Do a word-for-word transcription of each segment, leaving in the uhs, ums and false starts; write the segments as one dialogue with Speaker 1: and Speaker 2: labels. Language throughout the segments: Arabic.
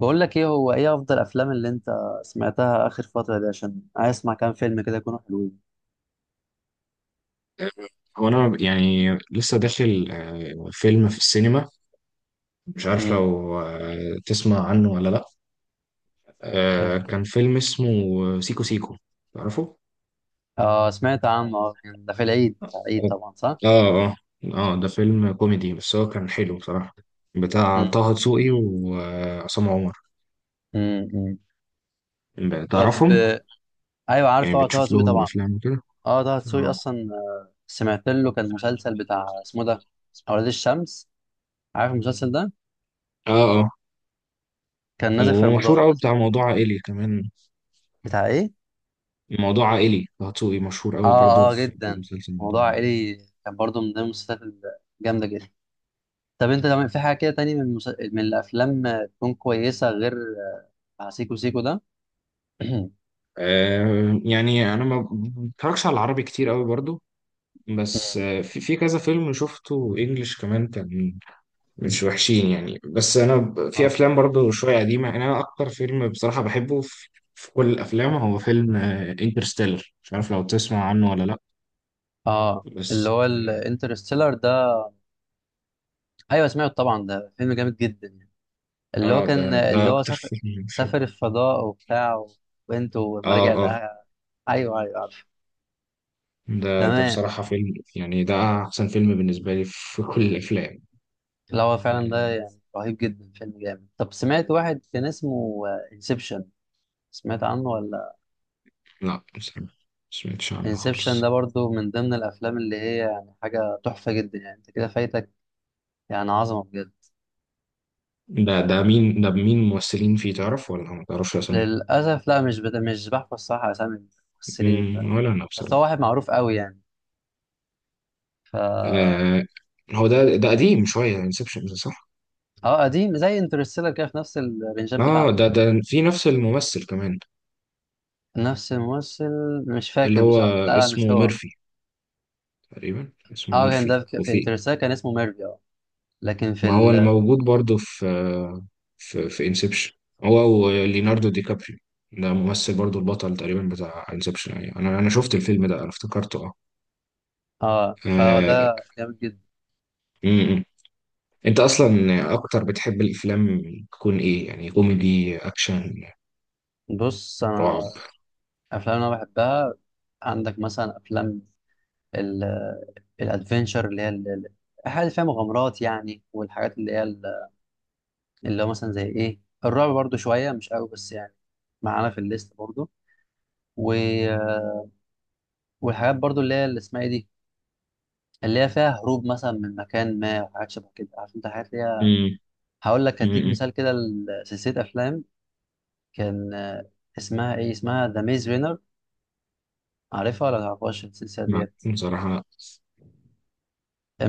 Speaker 1: بقول لك ايه، هو ايه افضل افلام اللي انت سمعتها اخر فتره دي؟ عشان عايز اسمع كام فيلم كده يكونوا حلوين.
Speaker 2: هو انا يعني لسه داخل، آه، فيلم في السينما. مش عارف
Speaker 1: امم
Speaker 2: لو آه، تسمع عنه ولا لا. آه،
Speaker 1: كان.
Speaker 2: كان فيلم اسمه سيكو سيكو، تعرفه؟
Speaker 1: اه سمعت عنه، آه، كان ده في العيد العيد طبعا، صح.
Speaker 2: اه، اه، اه. آه، ده فيلم كوميدي بس هو كان حلو بصراحة، بتاع
Speaker 1: امم
Speaker 2: طه دسوقي وعصام عمر،
Speaker 1: امم طب.
Speaker 2: تعرفهم؟
Speaker 1: آه، ايوه عارف
Speaker 2: يعني
Speaker 1: طبعا، طه
Speaker 2: بتشوف
Speaker 1: دسوقي
Speaker 2: لهم
Speaker 1: طبعا.
Speaker 2: افلام وكده؟
Speaker 1: اه طه دسوقي
Speaker 2: اه،
Speaker 1: اصلا، آه، سمعت له كان مسلسل بتاع اسمه ده، اولاد الشمس. عارف المسلسل ده؟
Speaker 2: اه، اه،
Speaker 1: كان نازل في
Speaker 2: ومشهور
Speaker 1: رمضان.
Speaker 2: قوي، بتاع موضوع عائلي كمان.
Speaker 1: بتاع ايه؟
Speaker 2: موضوع عائلي. طه دسوقي مشهور قوي برضه
Speaker 1: اه اه
Speaker 2: في في
Speaker 1: جدا،
Speaker 2: مسلسل
Speaker 1: موضوع
Speaker 2: موضوع عائلي.
Speaker 1: عائلي. كان برضه من ضمن المسلسلات الجامده جدا. طب انت لما في حاجه كده تاني من المس... من الافلام آه، تكون كويسه غير آه، سيكو سيكو ده؟
Speaker 2: آه، يعني انا ما بتفرجش على العربي كتير قوي برضو. بس آه، في في كذا فيلم شفته انجليش كمان، كان مش وحشين يعني. بس انا ب- في
Speaker 1: اه
Speaker 2: افلام برضو شويه قديمه، يعني انا اكتر فيلم بصراحه بحبه في, في كل الافلام هو فيلم انترستيلر، مش عارف لو تسمع عنه ولا لا.
Speaker 1: اه، اللي
Speaker 2: بس
Speaker 1: هو الانترستيلر ده؟ ايوه سمعته طبعا، ده فيلم جامد جدا يعني.
Speaker 2: اه.
Speaker 1: اللي هو
Speaker 2: آه، ده
Speaker 1: كان،
Speaker 2: ده
Speaker 1: اللي هو
Speaker 2: اكتر
Speaker 1: سافر،
Speaker 2: فيلم
Speaker 1: سافر
Speaker 2: بحبه.
Speaker 1: الفضاء وبتاع، وبنته ولما
Speaker 2: اه،
Speaker 1: رجع
Speaker 2: اه،
Speaker 1: لها. ايوه ايوه عارف.
Speaker 2: ده ده
Speaker 1: تمام.
Speaker 2: بصراحه فيلم يعني، ده احسن فيلم بالنسبه لي في كل الافلام
Speaker 1: لا هو فعلا ده
Speaker 2: يعني.
Speaker 1: يعني رهيب جدا، فيلم جامد. طب سمعت واحد كان اسمه انسبشن؟ سمعت عنه ولا؟
Speaker 2: لا بصراحه ما سمعتش عنه
Speaker 1: انسبشن ده
Speaker 2: خالص.
Speaker 1: برضو من ضمن الافلام اللي هي يعني حاجه تحفه جدا، يعني انت كده فايتك يعني عظمه بجد.
Speaker 2: ده ده مين؟ ده مين ممثلين فيه، تعرف ولا ما تعرفش اسامي؟
Speaker 1: للاسف لا، مش بت... مش بحفظ صح اسامي الممثلين ف...
Speaker 2: مم، ولا انا
Speaker 1: بس هو
Speaker 2: بصراحه.
Speaker 1: واحد معروف قوي يعني. ف اه،
Speaker 2: آه هو ده ده قديم شويه، انسبشن، صح؟
Speaker 1: قديم زي انترستيلر كده، في نفس الرنجات
Speaker 2: اه،
Speaker 1: بتاعته.
Speaker 2: ده ده في نفس الممثل كمان.
Speaker 1: نفس الممثل؟ مش
Speaker 2: اللي
Speaker 1: فاكر
Speaker 2: هو
Speaker 1: بصراحه، لا لا مش
Speaker 2: اسمه
Speaker 1: هو.
Speaker 2: ميرفي، تقريبا اسمه
Speaker 1: اه كان
Speaker 2: ميرفي،
Speaker 1: ده في في
Speaker 2: وفي...
Speaker 1: انترستيلر كان اسمه ميرفي، اه. لكن في
Speaker 2: ما هو
Speaker 1: ال،
Speaker 2: الموجود برضه في في في انسبشن، هو وليوناردو دي كابريو. ده ممثل برضه، البطل تقريبا بتاع انسبشن، يعني انا انا شفت الفيلم ده، انا افتكرته.
Speaker 1: اه
Speaker 2: اه.
Speaker 1: فده جامد جدا.
Speaker 2: آه، انت اصلا اكتر بتحب الافلام تكون ايه، يعني كوميدي، اكشن،
Speaker 1: بص انا،
Speaker 2: رعب؟
Speaker 1: افلام انا بحبها، عندك مثلا افلام الادفنشر، اللي هي ال- ال- الحاجات اللي فيها مغامرات يعني، والحاجات اللي هي ال، اللي هو مثلا زي ايه، الرعب برضو شويه مش قوي بس يعني معانا في الليست برضو. و... والحاجات برضو اللي هي اللي اسمها ايه دي، اللي هي فيها هروب مثلا من مكان ما وحاجات شبه كده، عارف انت الحاجات اللي هي.
Speaker 2: امم،
Speaker 1: هقول لك هديك
Speaker 2: امم،
Speaker 1: مثال كده لسلسله افلام كان آه، اسمها ايه، اسمها ذا ميز رينر. عارفها ولا متعرفهاش السلسله
Speaker 2: أمم.
Speaker 1: ديت؟
Speaker 2: بصراحه،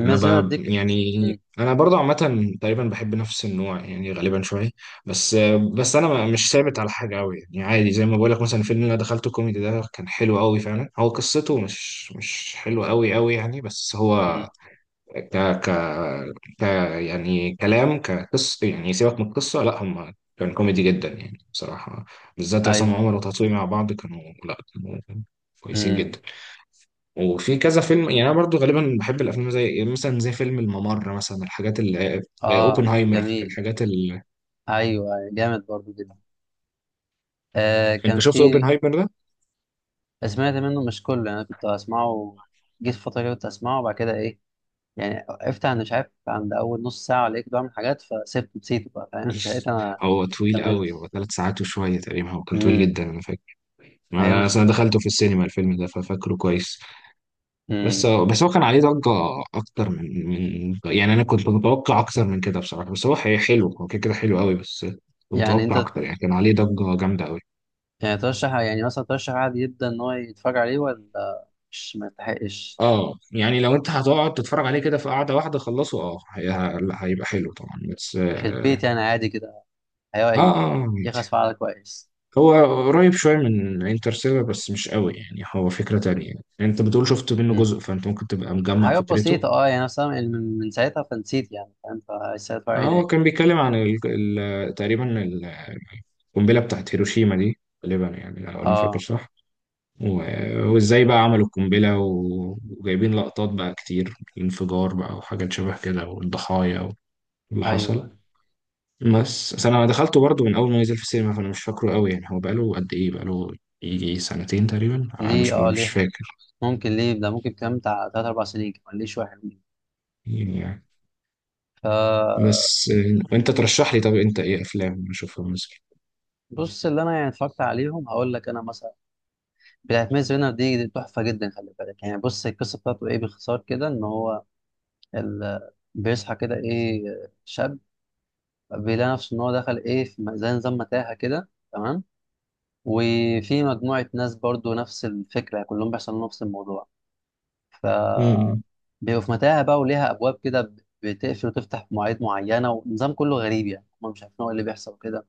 Speaker 2: انا
Speaker 1: رينر
Speaker 2: ب...
Speaker 1: دي ك...
Speaker 2: يعني،
Speaker 1: م-
Speaker 2: انا برضه عامه تقريبا بحب نفس النوع يعني، غالبا شويه. بس بس انا ما- مش ثابت على حاجه قوي يعني، عادي. زي ما بقول لك مثلا، الفيلم اللي انا دخلته كوميدي ده كان حلو قوي فعلا، هو قصته مش مش حلوه قوي قوي يعني، بس هو
Speaker 1: م-
Speaker 2: ك ك ك يعني كلام، كقصة يعني سيبك من القصة، لا هم كان كوميدي جدا يعني بصراحة. بالذات عصام
Speaker 1: ايوه.
Speaker 2: عمر وتطوي مع بعض، كانوا، لا، كانوا كويسين
Speaker 1: م-
Speaker 2: جدا. وفي كذا فيلم يعني. أنا برضو غالبا بحب الأفلام زي مثلا، زي فيلم الممر مثلا، الحاجات ال... آه،
Speaker 1: اه
Speaker 2: أوبنهايمر،
Speaker 1: جميل.
Speaker 2: الحاجات ال...
Speaker 1: ايوه أيوة، جامد برضو جدا. آه
Speaker 2: أنت
Speaker 1: كان
Speaker 2: شفت
Speaker 1: في.
Speaker 2: أوبنهايمر ده؟
Speaker 1: سمعت منه مش كله يعني، انا كنت اسمعه، جيت فتره كده كنت اسمعه، وبعد كده ايه يعني وقفت عند مش عارف عند اول نص ساعه ولا ايه، كنت بعمل حاجات فسبت نسيته بقى، فاهم؟ ساعتها ما
Speaker 2: هو طويل قوي، هو
Speaker 1: كملتش.
Speaker 2: ثلاث ساعات وشوية تقريبا، هو كان طويل
Speaker 1: امم
Speaker 2: جدا أنا فاكر.
Speaker 1: هي
Speaker 2: أنا أصلا
Speaker 1: مشكلته
Speaker 2: دخلته
Speaker 1: كده.
Speaker 2: في السينما الفيلم ده، ففاكره كويس.
Speaker 1: امم
Speaker 2: بس بس هو كان عليه ضجة أكتر من من يعني، أنا كنت متوقع أكتر من كده بصراحة، بس هو حي- حلو، هو كده كده حلو قوي، بس كنت
Speaker 1: يعني
Speaker 2: متوقع
Speaker 1: انت
Speaker 2: أكتر يعني، كان عليه ضجة جامدة قوي.
Speaker 1: يعني ترشح، يعني مثلا ترشح عادي جدا ان هو يتفرج عليه ولا مش ما يستحقش؟
Speaker 2: اه. يعني لو أنت هتقعد تتفرج عليه كده في قعدة واحدة، خلصه، اه هي- ه- هيبقى حلو طبعا، بس
Speaker 1: في
Speaker 2: اه.
Speaker 1: البيت يعني عادي كده،
Speaker 2: اه.
Speaker 1: هيقعد يعني
Speaker 2: آه، عادي.
Speaker 1: يخلص فعلا كويس.
Speaker 2: هو قريب شوية من انترستيلر، بس مش قوي يعني، هو فكرة تانية يعني. أنت بتقول شفت منه جزء، فأنت ممكن تبقى مجمع
Speaker 1: حاجات
Speaker 2: فكرته.
Speaker 1: بسيطة اه يعني مثلا، من من ساعتها فنسيت يعني، فاهم؟ فلسه هتفرج
Speaker 2: آه،
Speaker 1: عليه
Speaker 2: هو
Speaker 1: تاني
Speaker 2: كان بيتكلم عن ال... ال... تقريبا ال- القنبلة بتاعت هيروشيما دي غالبا، يعني لو أنا فاكر
Speaker 1: اه.
Speaker 2: صح. و- وإزاي بقى عملوا القنبلة، و- وجايبين لقطات بقى كتير، الانفجار بقى وحاجات شبه كده، والضحايا واللي حصل.
Speaker 1: ايوه
Speaker 2: بس بس أنا دخلته برضه من أول ما نزل في السينما، فأنا مش فاكره قوي يعني. هو بقاله قد إيه، بقاله يجي سنتين تقريبا، أنا
Speaker 1: ليه
Speaker 2: مش
Speaker 1: اه،
Speaker 2: مش
Speaker 1: ليه
Speaker 2: فاكر.
Speaker 1: ممكن ليه ده؟ ممكن كام بتاع تلات أربع سنين كمان ليه، شوية حلوين.
Speaker 2: يعني يعني.
Speaker 1: ف
Speaker 2: بس آه، وأنت ترشح لي، طب أنت إيه أفلام أشوفها مثلا؟
Speaker 1: بص، اللي أنا يعني اتفرجت عليهم هقول لك أنا مثلا، بتاعت ميز رينر دي دي تحفة جدا، خلي بالك يعني. بص القصة بتاعته إيه باختصار كده، إن هو ال، بيصحى كده إيه، شاب بيلاقي نفسه إن هو دخل إيه في م- زي نظام متاهة كده، تمام؟ وفي مجموعة ناس برضو نفس الفكرة، كلهم بيحصل لهم نفس الموضوع. ف
Speaker 2: امم.
Speaker 1: بيبقوا في متاهة بقى وليها أبواب كده، بتقفل وتفتح في مواعيد معينة، ونظام كله غريب يعني، هم مش عارفين هو إيه اللي بيحصل كده.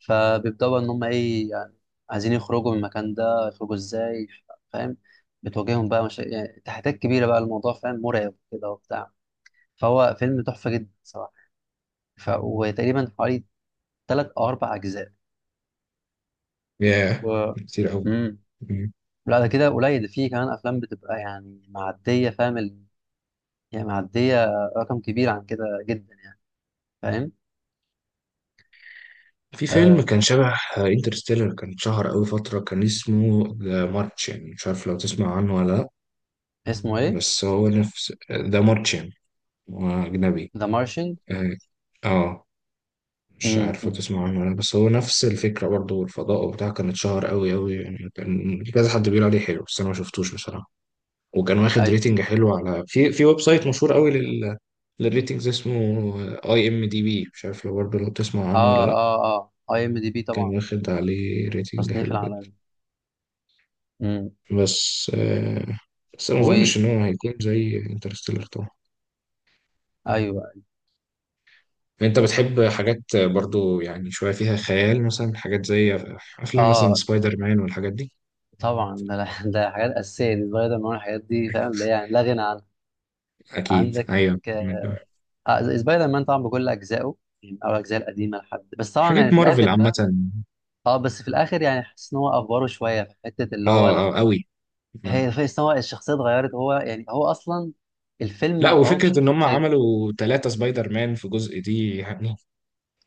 Speaker 1: فبيبدأوا بقى إن هم إيه يعني عايزين يخرجوا من المكان ده، يخرجوا إزاي، فاهم؟ بتواجههم بقى مشا... يعني تحديات كبيرة بقى الموضوع، فاهم؟ مرعب كده وبتاع. فهو فيلم تحفة جدا صراحة. ف... وتقريبا حوالي تلات أو أربع أجزاء.
Speaker 2: ياه
Speaker 1: و...
Speaker 2: كتير قوي.
Speaker 1: مم. لا ده كده قليل، ده فيه كمان أفلام بتبقى يعني معدية، فاهم ال، يعني معدية رقم كبير عن كده جدا، فاهم؟
Speaker 2: في فيلم
Speaker 1: آه،
Speaker 2: كان شبه انترستيلر، كان شهر قوي فترة، كان اسمه ذا مارتشن، مش عارف لو تسمع عنه ولا لأ.
Speaker 1: اسمه ايه؟
Speaker 2: بس هو نفس ذا مارتشن، هو أجنبي.
Speaker 1: ذا مارشن.
Speaker 2: اه. آه، مش عارف لو
Speaker 1: امم
Speaker 2: تسمع عنه ولا لأ، بس هو نفس الفكرة برضه، والفضاء وبتاع. كان اتشهر قوي قوي يعني، كان كذا حد بيقول عليه حلو، بس أنا ما شفتوش بصراحة. وكان واخد
Speaker 1: ايوه.
Speaker 2: ريتنج حلو على، في في ويب سايت مشهور قوي لل... للريتنجز اسمه اي ام دي بي، مش عارف لو برضه لو تسمع عنه ولا
Speaker 1: اه
Speaker 2: لأ.
Speaker 1: اه اه، اي ام دي بي
Speaker 2: كان
Speaker 1: طبعا يعني
Speaker 2: واخد
Speaker 1: ده
Speaker 2: عليه ريتنج
Speaker 1: التصنيف
Speaker 2: حلو جدا.
Speaker 1: العالمي. امم
Speaker 2: بس آه، بس ما
Speaker 1: و،
Speaker 2: اظنش ان هو هيكون زي انترستيلر طبعا.
Speaker 1: ايوه
Speaker 2: انت بتحب حاجات برضو يعني شوية فيها خيال، مثلا حاجات زي افلام مثلا
Speaker 1: اه
Speaker 2: سبايدر مان والحاجات دي؟
Speaker 1: طبعا ده، ده حاجات اساسيه دي، سبايدر مان الحاجات دي، فاهم؟ اللي هي يعني لا غنى عنها.
Speaker 2: اكيد
Speaker 1: عندك
Speaker 2: ايوه.
Speaker 1: آه سبايدر مان طبعا بكل اجزائه، يعني او الاجزاء القديمه لحد بس طبعا، يعني
Speaker 2: حاجات
Speaker 1: في
Speaker 2: مارفل
Speaker 1: الاخر
Speaker 2: عامة.
Speaker 1: بقى اه، بس في الاخر يعني حاسس ان هو افوره شويه في حته، اللي
Speaker 2: اه،
Speaker 1: هو لما،
Speaker 2: اه قوي. آه.
Speaker 1: هي في ان هو الشخصيه اتغيرت، هو يعني هو اصلا الفيلم
Speaker 2: لا،
Speaker 1: هو مش
Speaker 2: وفكرة ان هم
Speaker 1: بشخصيته.
Speaker 2: عملوا ثلاثة سبايدر مان في جزء دي يعني.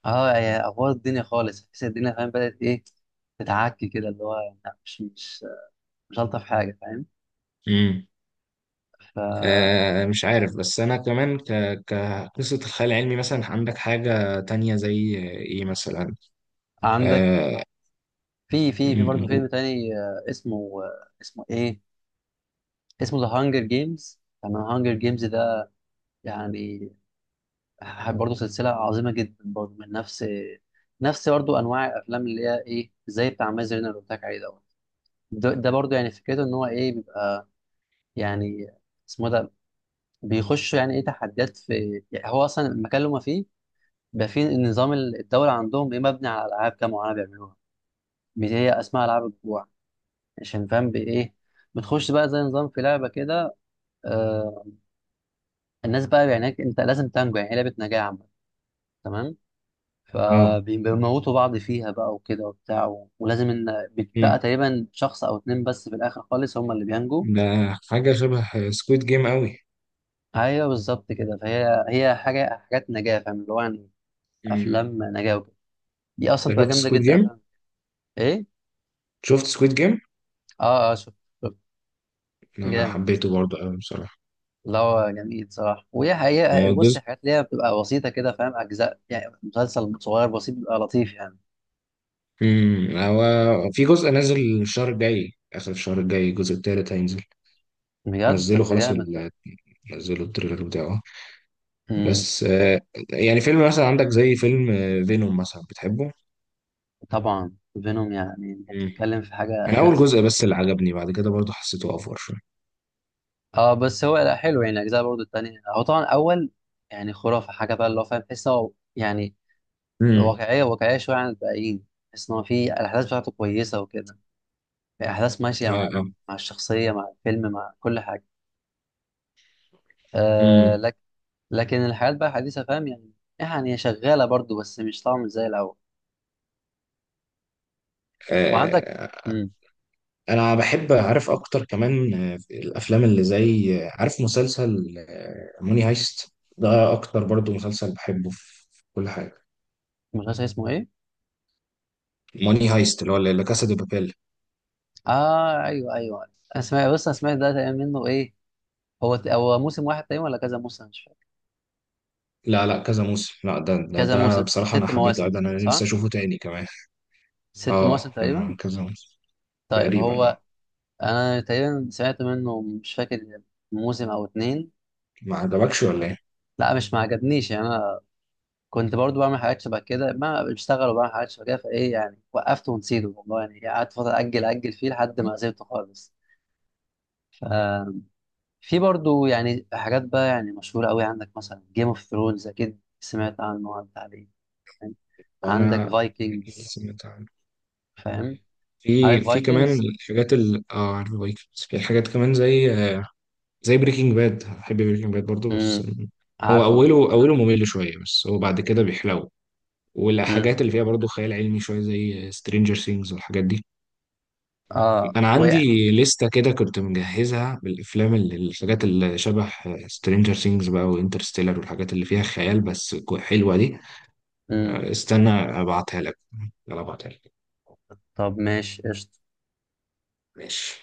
Speaker 1: اه يا افوار الدنيا خالص، تحس الدنيا فاهم بدأت ايه، تتعكي كده اللي هو، لا مش مش مش الطف حاجه، فاهم؟
Speaker 2: امم. آه مش عارف، بس انا كمان ك كقصة الخيال العلمي مثلا، عندك حاجة تانية زي ايه مثلا؟
Speaker 1: فعندك
Speaker 2: اه,
Speaker 1: في في في برضه
Speaker 2: مم،
Speaker 1: فيلم تاني آه، اسمه آه، اسمه ايه، اسمه ذا هانجر جيمز، تمام؟ هانجر جيمز ده يعني برضه سلسله عظيمه جدا، برضه من نفس، نفس برضه انواع الافلام اللي هي ايه، زي بتاع مازن اللي قلت لك عليه دوت. ده ده برضه يعني فكرته ان هو ايه بيبقى يعني اسمه ده، بيخش يعني ايه تحديات في، يعني هو اصلا المكان اللي هما فيه ده، في نظام الدولة عندهم إيه مبني على ألعاب كده معينة بيعملوها، بت- هي اسمها ألعاب الجوع، عشان فاهم بإيه، بتخش بقى زي نظام في لعبة كده. آه الناس بقى يعني هناك أنت لازم تنجو، يعني هي لعبة نجاة عامة، تمام؟
Speaker 2: آه.
Speaker 1: فبيموتوا بعض فيها بقى وكده وبتاع، و- ولازم إن بتبقى
Speaker 2: مم.
Speaker 1: تقريبا شخص أو اتنين بس في الآخر خالص هم اللي بينجوا.
Speaker 2: ده حاجة شبه سكويد جيم قوي.
Speaker 1: أيوه بالظبط كده، فهي هي حاجة، حاجات نجاة فاهم، اللي هو يعني
Speaker 2: مم.
Speaker 1: أفلام نجاة وكده، دي أصلا
Speaker 2: انت
Speaker 1: بتبقى
Speaker 2: شفت
Speaker 1: جامدة
Speaker 2: سكويد
Speaker 1: جدا
Speaker 2: جيم؟
Speaker 1: أفلام. إيه؟
Speaker 2: شفت سكويد جيم؟
Speaker 1: آه آه شفت، شفت.
Speaker 2: انا
Speaker 1: جامد.
Speaker 2: حبيته برضه قوي بصراحة.
Speaker 1: لا هو جميل صراحة، وهي حقيقة
Speaker 2: هو
Speaker 1: بص
Speaker 2: جزء،
Speaker 1: الحاجات اللي هي بتبقى بسيطة كده فاهم، أجزاء يعني، مسلسل صغير بسيط بيبقى لطيف يعني.
Speaker 2: مم. هو في جزء نازل الشهر الجاي، آخر الشهر الجاي الجزء التالت هينزل.
Speaker 1: بجد؟
Speaker 2: نزله
Speaker 1: طب ده
Speaker 2: خلاص
Speaker 1: جامد ده.
Speaker 2: ال... نزلوا التريلر بتاعه.
Speaker 1: امم
Speaker 2: بس آه، يعني فيلم مثلا عندك زي فيلم فينوم مثلا، بتحبه؟
Speaker 1: طبعا. فينوم يعني أنت
Speaker 2: مم.
Speaker 1: بتتكلم في حاجة.
Speaker 2: انا اول جزء بس اللي عجبني، بعد كده برضه حسيته افور شوية.
Speaker 1: اه بس هو لا حلو يعني الأجزاء برضو التانية، هو طبعا أول يعني خرافة حاجة بقى، اللي هو فاهم تحس هو يعني
Speaker 2: مم.
Speaker 1: واقعية، واقعية شوية عن الباقيين. تحس إن هو في الأحداث بتاعته كويسة وكده، الأحداث ماشية
Speaker 2: اه،
Speaker 1: مع،
Speaker 2: اه.
Speaker 1: مع الشخصية مع الفيلم مع كل حاجة. آه
Speaker 2: مم.
Speaker 1: لك، لكن الحياة بقى حديثة، فاهم يعني، يعني هي شغالة برضو بس مش طبعا مش زي الأول. وعندك امم
Speaker 2: انا بحب اعرف اكتر كمان، آه، في الافلام اللي زي، آه، عارف مسلسل آه، موني هايست ده، اكتر برضو مسلسل بحبه في في كل حاجه.
Speaker 1: المسلسل اسمه إيه؟
Speaker 2: موني هايست اللي هو لا كاسا دي بابيل.
Speaker 1: آه أيوه أيوه، أنا سمعت، بص أنا سمعت ده تقريبا منه إيه، هو هو موسم واحد تقريبا ولا كذا موسم، مش فاكر.
Speaker 2: لا، لا، كذا موسم، لا ده ده,
Speaker 1: كذا
Speaker 2: ده
Speaker 1: موسم،
Speaker 2: بصراحه انا
Speaker 1: ست
Speaker 2: حبيته،
Speaker 1: مواسم
Speaker 2: ده انا نفسي
Speaker 1: صح؟
Speaker 2: اشوفه تاني كمان.
Speaker 1: ست مواسم
Speaker 2: اه،
Speaker 1: تقريبا.
Speaker 2: كان كذا موسم
Speaker 1: طيب
Speaker 2: تقريبا،
Speaker 1: هو
Speaker 2: اه.
Speaker 1: أنا تقريبا سمعت منه مش فاكر، موسم أو اتنين.
Speaker 2: ما عجبكش ولا ايه؟
Speaker 1: لا مش ما عجبنيش يعني، كنت برضو بعمل حاجات شبه كده، ما بشتغل وبعمل حاجات شبه كده، فايه يعني وقفت ونسيته والله يعني، قعدت فتره اجل اجل فيه لحد ما سيبته خالص. ففي برضو يعني حاجات بقى يعني مشهوره قوي، عندك مثلا جيم اوف ثرونز، اكيد سمعت عنه وعدت عليه، فاهم؟ عندك
Speaker 2: انا
Speaker 1: فايكنجز،
Speaker 2: سمعت عنه.
Speaker 1: فاهم؟
Speaker 2: في
Speaker 1: عارف
Speaker 2: في كمان
Speaker 1: فايكنجز؟
Speaker 2: الحاجات ال... اه، عارف بايكنجز؟ في حاجات كمان زي، زي بريكنج باد. احب بريكنج باد برضو، بس
Speaker 1: امم
Speaker 2: هو
Speaker 1: عارفه.
Speaker 2: اوله اوله ممل شويه، بس هو بعد كده بيحلو.
Speaker 1: امم
Speaker 2: والحاجات اللي فيها برضو خيال علمي شويه، زي سترينجر سينجز والحاجات دي.
Speaker 1: اه
Speaker 2: انا
Speaker 1: وقع.
Speaker 2: عندي لستة كده كنت مجهزها بالافلام اللي الحاجات اللي شبه سترينجر سينجز بقى، وانترستيلر، والحاجات اللي فيها خيال بس كو- حلوه دي.
Speaker 1: امم
Speaker 2: آه، استنى ابعتها لك. يلا ابعتها لك.
Speaker 1: طب ماشي قشطه.
Speaker 2: ماشي.